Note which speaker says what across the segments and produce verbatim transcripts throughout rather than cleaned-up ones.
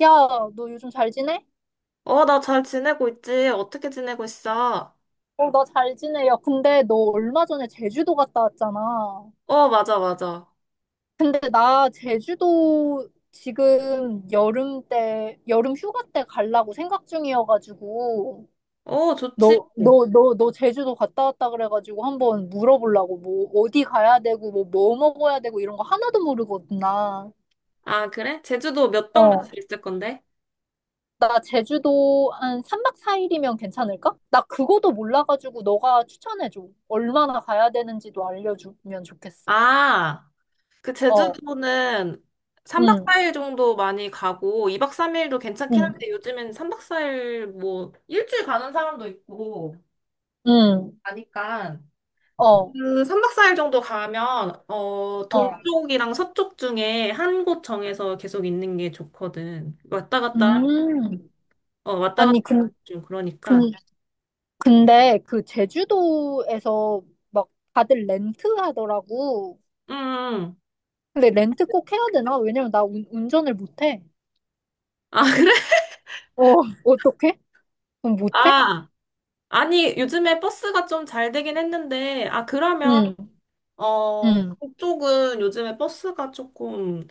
Speaker 1: 야, 너 요즘 잘 지내?
Speaker 2: 어, 나 잘 지내고 있지. 어떻게 지내고 있어?
Speaker 1: 어, 나 잘 지내. 야, 근데 너 얼마 전에 제주도 갔다 왔잖아.
Speaker 2: 어, 맞아, 맞아.
Speaker 1: 근데 나 제주도 지금 여름 때, 여름 휴가 때 가려고 생각 중이어가지고,
Speaker 2: 어, 좋지.
Speaker 1: 너, 너, 너, 너 제주도 갔다 왔다 그래가지고 한번 물어보려고. 뭐, 어디 가야 되고, 뭐, 뭐 먹어야 되고 이런 거 하나도 모르거든, 나.
Speaker 2: 아, 그래? 제주도 몇박
Speaker 1: 어.
Speaker 2: 며칠 있을 건데?
Speaker 1: 나 제주도 한 삼 박 사 일이면 괜찮을까? 나 그거도 몰라가지고 너가 추천해줘. 얼마나 가야 되는지도 알려주면 좋겠어.
Speaker 2: 아, 그
Speaker 1: 어,
Speaker 2: 제주도는 삼 박
Speaker 1: 응,
Speaker 2: 사 일 정도 많이 가고, 이 박 삼 일도 괜찮긴
Speaker 1: 응,
Speaker 2: 한데, 요즘엔 삼 박 사 일 뭐, 일주일 가는 사람도 있고,
Speaker 1: 응,
Speaker 2: 하니까.
Speaker 1: 어,
Speaker 2: 그 삼 박 사 일 정도 가면, 어,
Speaker 1: 어,
Speaker 2: 동쪽이랑 서쪽 중에 한 곳 정해서 계속 있는 게 좋거든. 왔다 갔다.
Speaker 1: 음.
Speaker 2: 하면. 어, 왔다 갔다
Speaker 1: 아니, 근,
Speaker 2: 좀 그러니까.
Speaker 1: 근, 근데 그 제주도에서 막 다들 렌트 하더라고.
Speaker 2: 응, 응. 응.
Speaker 1: 근데 렌트 꼭 해야 되나? 왜냐면 나 운, 운전을 못해.
Speaker 2: 아, 그래?
Speaker 1: 어, 어떡해? 그럼 못해?
Speaker 2: 아, 아니, 요즘에 버스가 좀 잘 되긴 했는데, 아, 그러면,
Speaker 1: 응,
Speaker 2: 어,
Speaker 1: 응,
Speaker 2: 동쪽은 요즘에 버스가 조금,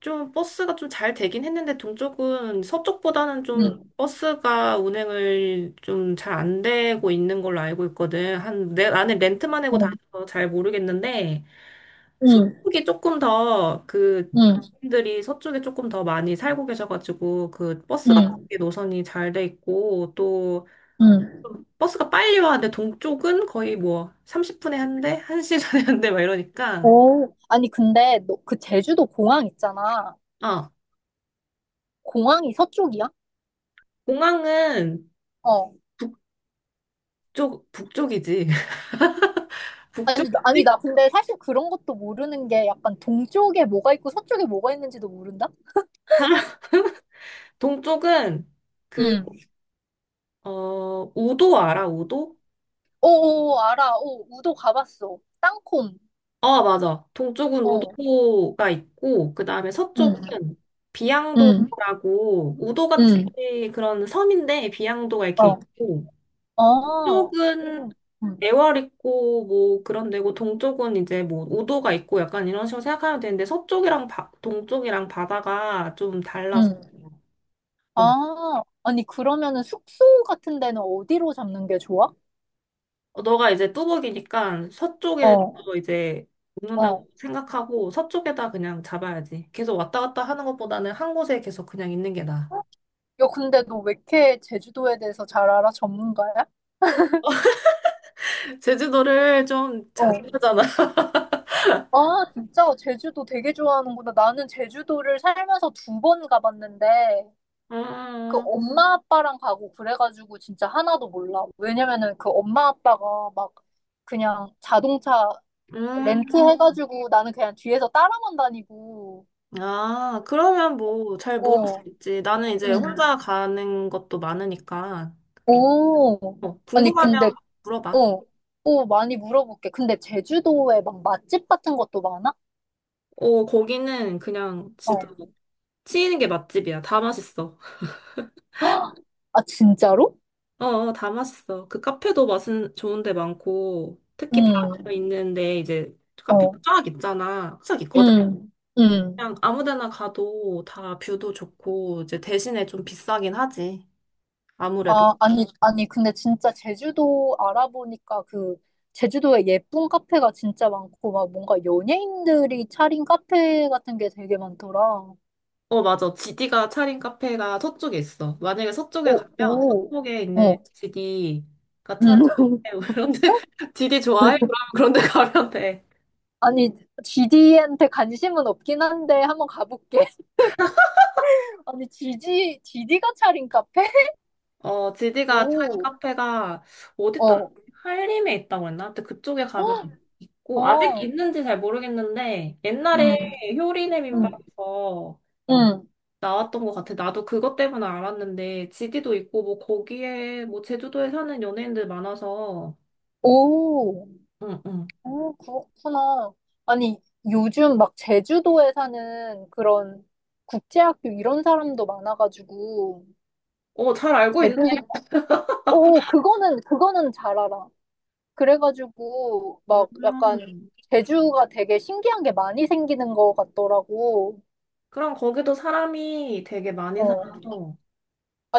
Speaker 2: 좀 버스가 좀 잘 되긴 했는데, 동쪽은 서쪽보다는 좀
Speaker 1: 응,
Speaker 2: 버스가 운행을 좀 잘 안 되고 있는 걸로 알고 있거든. 한, 내, 나는 렌트만 하고
Speaker 1: 응,
Speaker 2: 다녀서 잘 모르겠는데,
Speaker 1: 응,
Speaker 2: 서쪽이 조금 더 그
Speaker 1: 응,
Speaker 2: 분들이 서쪽에 조금 더 많이 살고 계셔가지고 그 버스 같은
Speaker 1: 응.
Speaker 2: 게 노선이 잘 돼 있고 또
Speaker 1: 응.
Speaker 2: 버스가 빨리 와는데 동쪽은 거의 뭐 삼십 분에 한 대, 한 시간에 한대 막 이러니까.
Speaker 1: 오, 아니, 근데, 너, 그 제주도 공항 있잖아.
Speaker 2: 아,
Speaker 1: 공항이 서쪽이야?
Speaker 2: 공항은
Speaker 1: 어.
Speaker 2: 북쪽 북쪽이지.
Speaker 1: 아니, 나- 아니,
Speaker 2: 북쪽이지.
Speaker 1: 나 근데 사실 그런 것도 모르는 게 약간 동쪽에 뭐가 있고 서쪽에 뭐가 있는지도 모른다?
Speaker 2: 동쪽은 그
Speaker 1: 응.
Speaker 2: 어 우도 알아, 우도?
Speaker 1: 오, 오, 오, 알아. 오, 우도 가봤어. 땅콩.
Speaker 2: 어, 맞아. 동쪽은
Speaker 1: 어.
Speaker 2: 우도가 있고, 그 다음에
Speaker 1: 응,
Speaker 2: 서쪽은
Speaker 1: 응,
Speaker 2: 비양도라고, 우도같이
Speaker 1: 응.
Speaker 2: 그런 섬인데, 비양도가 이렇게
Speaker 1: 어.
Speaker 2: 있고,
Speaker 1: 어.
Speaker 2: 쪽은
Speaker 1: 응, 응.
Speaker 2: 애월 있고, 뭐 그런 데고, 동쪽은 이제 뭐 우도가 있고, 약간 이런 식으로 생각하면 되는데, 서쪽이랑 바, 동쪽이랑 바다가 좀 달라서,
Speaker 1: 응.
Speaker 2: 어.
Speaker 1: 아, 아니, 그러면은 숙소 같은 데는 어디로 잡는 게 좋아?
Speaker 2: 어, 너가 이제 뚜벅이니까 서쪽에서
Speaker 1: 어,
Speaker 2: 이제
Speaker 1: 어.
Speaker 2: 묵는다고 생각하고, 서쪽에다 그냥 잡아야지. 계속 왔다 갔다 하는 것보다는 한 곳에 계속 그냥 있는 게 나아.
Speaker 1: 야, 근데 너 왜 이렇게 제주도에 대해서 잘 알아? 전문가야?
Speaker 2: 제주도를 좀 자주
Speaker 1: 어.
Speaker 2: 가잖아.
Speaker 1: 아, 진짜 제주도 되게 좋아하는구나. 나는 제주도를 살면서 두 번 가봤는데, 그
Speaker 2: 음,
Speaker 1: 엄마 아빠랑 가고 그래가지고 진짜 하나도 몰라. 왜냐면은 그 엄마 아빠가 막 그냥 자동차
Speaker 2: 음,
Speaker 1: 렌트해가지고 나는 그냥 뒤에서 따라만 다니고,
Speaker 2: 아, 그러면 뭐 잘 모를
Speaker 1: 어,
Speaker 2: 수 있지. 나는 이제
Speaker 1: 응.
Speaker 2: 혼자 가는 것도 많으니까.
Speaker 1: 오.
Speaker 2: 어,
Speaker 1: 아니,
Speaker 2: 궁금하면
Speaker 1: 근데,
Speaker 2: 물어봐.
Speaker 1: 어, 오, 많이 물어볼게. 근데 제주도에 막 맛집 같은 것도 많아?
Speaker 2: 어, 거기는 그냥
Speaker 1: 어.
Speaker 2: 진짜 치이는 게 맛집이야. 다 맛있어.
Speaker 1: 헉, 아, 진짜로?
Speaker 2: 어, 어, 다 맛있어. 그 카페도 맛은 좋은 데 많고, 특히
Speaker 1: 응,
Speaker 2: 바로 있는데 이제 카페가
Speaker 1: 어,
Speaker 2: 쫙 있잖아. 쫙
Speaker 1: 응
Speaker 2: 있거든?
Speaker 1: 응
Speaker 2: 그냥 아무 데나 가도 다 뷰도 좋고, 이제 대신에 좀 비싸긴 하지. 아무래도.
Speaker 1: 아, 아니, 아니, 근데 진짜 제주도 알아보니까 그, 제주도에 예쁜 카페가 진짜 많고, 막 뭔가 연예인들이 차린 카페 같은 게 되게 많더라.
Speaker 2: 어, 맞아. 지디가 차린 카페가 서쪽에 있어. 만약에 서쪽에
Speaker 1: 오,
Speaker 2: 가면
Speaker 1: 오.
Speaker 2: 서쪽에 있는
Speaker 1: 어,
Speaker 2: 지디가
Speaker 1: 음.
Speaker 2: 차린 카페, 그런데 지디 좋아해? 그럼 그런데 가면 돼.
Speaker 1: 아니, 지디한테 관심은 없긴 한데, 한번 가볼게. 아니, 지디, 지디가 차린 카페?
Speaker 2: 어, 지디가 차린
Speaker 1: 오,
Speaker 2: 카페가 어디다,
Speaker 1: 어,
Speaker 2: 한림에 있다고 했나? 근데 그쪽에 가면 있고, 아직
Speaker 1: 어,
Speaker 2: 있는지 잘 모르겠는데, 옛날에
Speaker 1: 음,
Speaker 2: 효리네
Speaker 1: 음,
Speaker 2: 민박에서
Speaker 1: 음,
Speaker 2: 나왔던 것 같아. 나도 그것 때문에 알았는데, 지디도 있고, 뭐, 거기에, 뭐, 제주도에 사는 연예인들 많아서,
Speaker 1: 오.
Speaker 2: 응, 응.
Speaker 1: 어, 그렇구나. 아니, 요즘 막 제주도에 사는 그런 국제학교 이런 사람도 많아가지고,
Speaker 2: 어, 잘 알고 있네.
Speaker 1: 제주, 오, 그거는, 그거는 잘 알아. 그래가지고, 막 약간
Speaker 2: 음.
Speaker 1: 제주가 되게 신기한 게 많이 생기는 것 같더라고.
Speaker 2: 그럼 거기도 사람이 되게 많이
Speaker 1: 어.
Speaker 2: 살아서.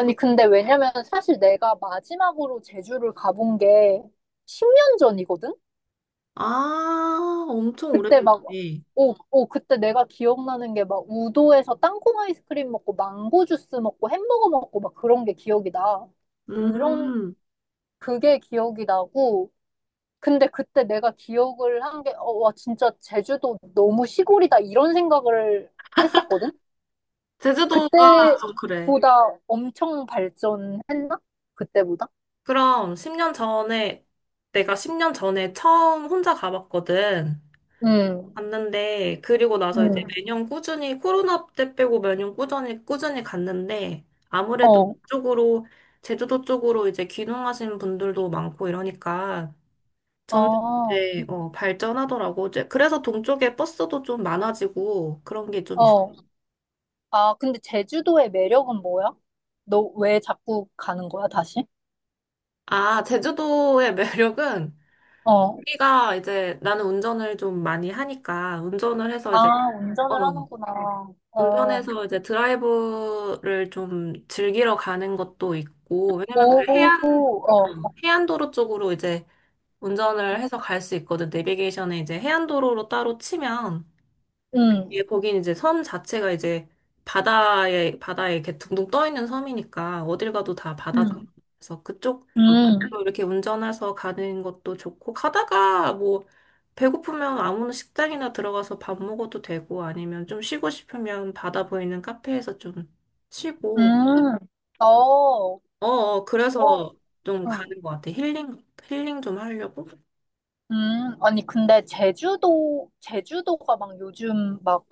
Speaker 2: 그-
Speaker 1: 근데 왜냐면 사실 내가 마지막으로 제주를 가본 게 십 년 전이거든?
Speaker 2: 아, 엄청
Speaker 1: 그때 막,
Speaker 2: 오래됐네.
Speaker 1: 오, 오, 그때 내가 기억나는 게 막 우도에서 땅콩 아이스크림 먹고 망고 주스 먹고 햄버거 먹고 막 그런 게 기억이 나. 그런,
Speaker 2: 음,
Speaker 1: 그게 기억이 나고, 근데 그때 내가 기억을 한 게, 어, 와, 진짜 제주도 너무 시골이다, 이런 생각을 했었거든?
Speaker 2: 제주도가 좀 그래.
Speaker 1: 그때보다 엄청 발전했나? 그때보다?
Speaker 2: 그럼 십 년 전에, 내가 십 년 전에 처음 혼자 가봤거든.
Speaker 1: 음,
Speaker 2: 갔는데, 그리고 나서 이제
Speaker 1: 음,
Speaker 2: 매년 꾸준히, 코로나 때 빼고 매년 꾸준히, 꾸준히, 갔는데, 아무래도
Speaker 1: 어,
Speaker 2: 그쪽으로, 제주도 쪽으로 이제 귀농하신 분들도 많고 이러니까, 점점
Speaker 1: 어,
Speaker 2: 이제 어, 발전하더라고. 이제 그래서 동쪽에 버스도 좀 많아지고 그런 게 좀 있어요.
Speaker 1: 어. 아, 근데 제주도의 매력은 뭐야? 너 왜 자꾸 가는 거야, 다시?
Speaker 2: 아, 제주도의 매력은
Speaker 1: 어.
Speaker 2: 우리가 이제 나는 운전을 좀 많이 하니까 운전을 해서 이제
Speaker 1: 아,
Speaker 2: 어,
Speaker 1: 운전을 하는구나. 어.
Speaker 2: 운전해서 이제 드라이브를 좀 즐기러 가는 것도 있고 왜냐면
Speaker 1: 오,
Speaker 2: 그 해안
Speaker 1: 어.
Speaker 2: 어, 해안도로 쪽으로 이제 운전을 해서 갈 수 있거든. 내비게이션에 이제 해안도로로 따로 치면
Speaker 1: 음,
Speaker 2: 예, 거긴 이제 섬 자체가 이제 바다에, 바다에 이렇게 둥둥 떠 있는 섬이니까 어딜 가도 다 바다잖아.
Speaker 1: 음,
Speaker 2: 그래서 그쪽으로
Speaker 1: 음,
Speaker 2: 이렇게 운전해서 가는 것도 좋고, 가다가 뭐, 배고프면 아무나 식당이나 들어가서 밥 먹어도 되고, 아니면 좀 쉬고 싶으면 바다 보이는 카페에서 좀 쉬고,
Speaker 1: 음. 어, 어,
Speaker 2: 어, 어, 그래서 좀
Speaker 1: 음,
Speaker 2: 가는 것 같아. 힐링, 힐링 좀 하려고.
Speaker 1: 음. 아니, 근데 제주도, 제주도가 막 요즘 막,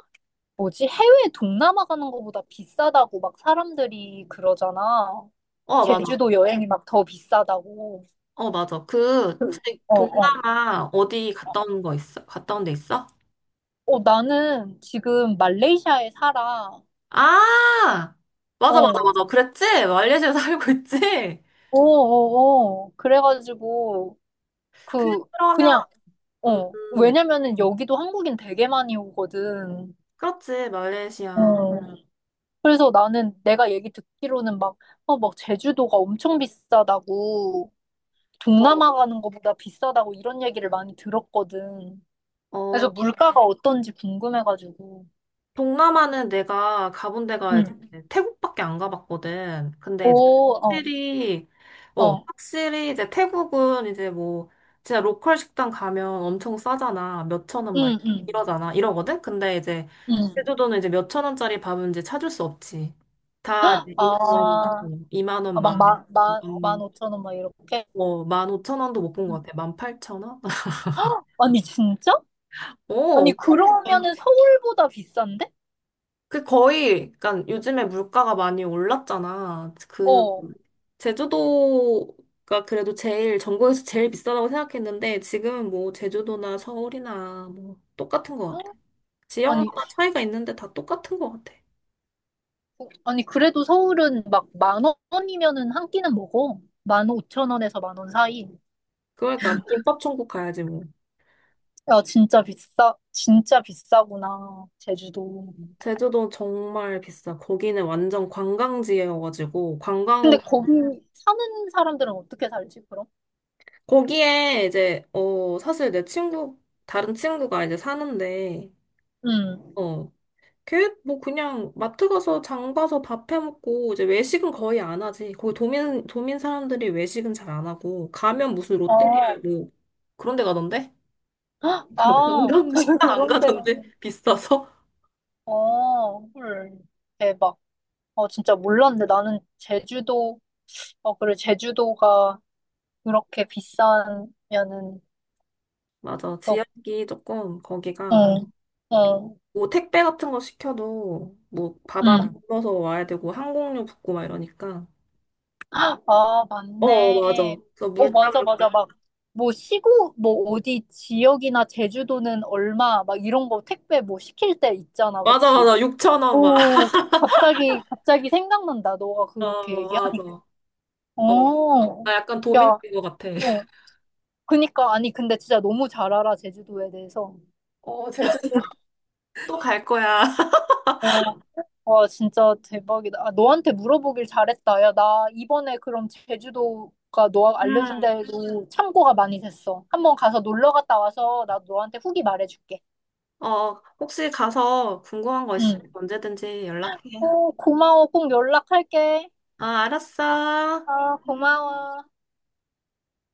Speaker 1: 뭐지? 해외 동남아 가는 거보다 비싸다고 막 사람들이 그러잖아.
Speaker 2: 어, 맞아.
Speaker 1: 제주도 여행이 막 더 비싸다고.
Speaker 2: 어, 맞아. 그,
Speaker 1: 그,
Speaker 2: 혹시
Speaker 1: 어, 어.
Speaker 2: 동남아 어디 갔다 온 거 있어? 갔다 온 데 있어?
Speaker 1: 어, 나는 지금 말레이시아에 살아.
Speaker 2: 아!
Speaker 1: 어,
Speaker 2: 맞아, 맞아,
Speaker 1: 어,
Speaker 2: 맞아. 그랬지? 말레이시아 살고 있지?
Speaker 1: 어, 어. 그래가지고, 그,
Speaker 2: 그러면,
Speaker 1: 그냥,
Speaker 2: 음,
Speaker 1: 어.
Speaker 2: 음.
Speaker 1: 왜냐면은 여기도 한국인 되게 많이 오거든.
Speaker 2: 그렇지, 말레이시아.
Speaker 1: 어. 그래서 나는 내가 얘기 듣기로는 막, 어, 막 제주도가 엄청 비싸다고,
Speaker 2: 어,
Speaker 1: 동남아 가는 것보다 비싸다고 이런 얘기를 많이 들었거든. 그래서
Speaker 2: 어.
Speaker 1: 물가가 어떤지 궁금해가지고.
Speaker 2: 동남아는 내가 가본 데가 이제
Speaker 1: 응.
Speaker 2: 태국밖에 안 가봤거든. 근데 이제
Speaker 1: 오, 어,
Speaker 2: 확실히, 어,
Speaker 1: 어.
Speaker 2: 확실히 이제 태국은 이제 뭐, 진짜 로컬 식당 가면 엄청 싸잖아. 몇 천 원 막
Speaker 1: 응, 응,
Speaker 2: 이러잖아. 이러거든? 근데 이제
Speaker 1: 응.
Speaker 2: 제주도는 이제 몇 천 원짜리 밥은 이제 찾을 수 없지. 다 이제 이만 원,
Speaker 1: 아.
Speaker 2: 어, 이만
Speaker 1: 아,
Speaker 2: 원,
Speaker 1: 막
Speaker 2: 만,
Speaker 1: 만, 만, 만
Speaker 2: 음,
Speaker 1: 오천 원 막 이렇게?
Speaker 2: 어, 만 오천 원도 못 본
Speaker 1: 음.
Speaker 2: 것 같아. 만 팔천 원?
Speaker 1: 아니, 진짜?
Speaker 2: 어,
Speaker 1: 아니,
Speaker 2: 엄청 비싸.
Speaker 1: 그러면은 서울보다 비싼데?
Speaker 2: 그 거의, 그러니까 요즘에 물가가 많이 올랐잖아. 그
Speaker 1: 어.
Speaker 2: 제주도가 그래도 제일 전국에서 제일 비싸다고 생각했는데 지금은 뭐 제주도나 서울이나 뭐 똑같은 것 같아. 지역마다
Speaker 1: 아니, 수-
Speaker 2: 차이가 있는데 다 똑같은 것 같아.
Speaker 1: 아니, 그래도 서울은 막 만 원이면은 한 끼는 먹어. 만 오천 원에서 만 원 사이.
Speaker 2: 그러니까 김밥 천국 가야지 뭐.
Speaker 1: 야, 진짜 비싸, 진짜 비싸구나, 제주도.
Speaker 2: 제주도 정말 비싸. 거기는 완전 관광지여가지고
Speaker 1: 근데
Speaker 2: 관광업.
Speaker 1: 거기 사는 사람들은 어떻게 살지, 그럼?
Speaker 2: 거기에 이제 어 사실 내 친구 다른 친구가 이제 사는데.
Speaker 1: 응.
Speaker 2: 어, 걔 뭐 그냥 마트 가서 장 봐서 밥 해 먹고 이제 외식은 거의 안 하지. 거기 도민 도민 사람들이 외식은 잘 안 하고 가면 무슨
Speaker 1: 아,
Speaker 2: 롯데리아 뭐 그런 데 가던데?
Speaker 1: 아,
Speaker 2: 관광 식당 안
Speaker 1: 그런 데가.
Speaker 2: 가던데 비싸서?
Speaker 1: 아, 헐. 대박. 아, 진짜 몰랐는데 나는 제주도 어, 그리고 제주도가 그렇게 비싸면은,
Speaker 2: 맞아.
Speaker 1: 어, 어,
Speaker 2: 지역이 조금 거기가
Speaker 1: 응.
Speaker 2: 뭐 택배 같은 거 시켜도 뭐 바다 불
Speaker 1: 응.
Speaker 2: 너서 와야 되고 항공료 붙고 막 이러니까.
Speaker 1: 아,
Speaker 2: 어, 맞아.
Speaker 1: 맞네.
Speaker 2: 그래서
Speaker 1: 어,
Speaker 2: 물타기
Speaker 1: 맞아, 맞아. 막, 뭐, 시구 뭐, 어디 지역이나 제주도는 얼마, 막 이런 거 택배 뭐 시킬 때 있잖아,
Speaker 2: 맞아,
Speaker 1: 그치?
Speaker 2: 맞아, 육천 원 막.
Speaker 1: 오, 갑자기, 갑자기 생각난다. 너가
Speaker 2: 어,
Speaker 1: 그렇게
Speaker 2: 맞아.
Speaker 1: 얘기하니까.
Speaker 2: 어,
Speaker 1: 어,
Speaker 2: 나 약간 도민인
Speaker 1: 야,
Speaker 2: 것 같아.
Speaker 1: 어. 그니까, 아니, 근데 진짜 너무 잘 알아, 제주도에 대해서.
Speaker 2: 어, 제주도 또 갈 거야.
Speaker 1: 와, 진짜 대박이다. 아, 너한테 물어보길 잘했다. 야, 나 이번에 그럼 제주도가 너가 알려준
Speaker 2: 음.
Speaker 1: 대로 참고가 많이 됐어. 한번 가서 놀러 갔다 와서 나 너한테 후기 말해줄게.
Speaker 2: 어, 혹시 가서 궁금한 거 있으면
Speaker 1: 응.
Speaker 2: 언제든지 연락해.
Speaker 1: 오, 고마워. 꼭 연락할게.
Speaker 2: 어, 알았어.
Speaker 1: 아,
Speaker 2: 응.
Speaker 1: 고마워.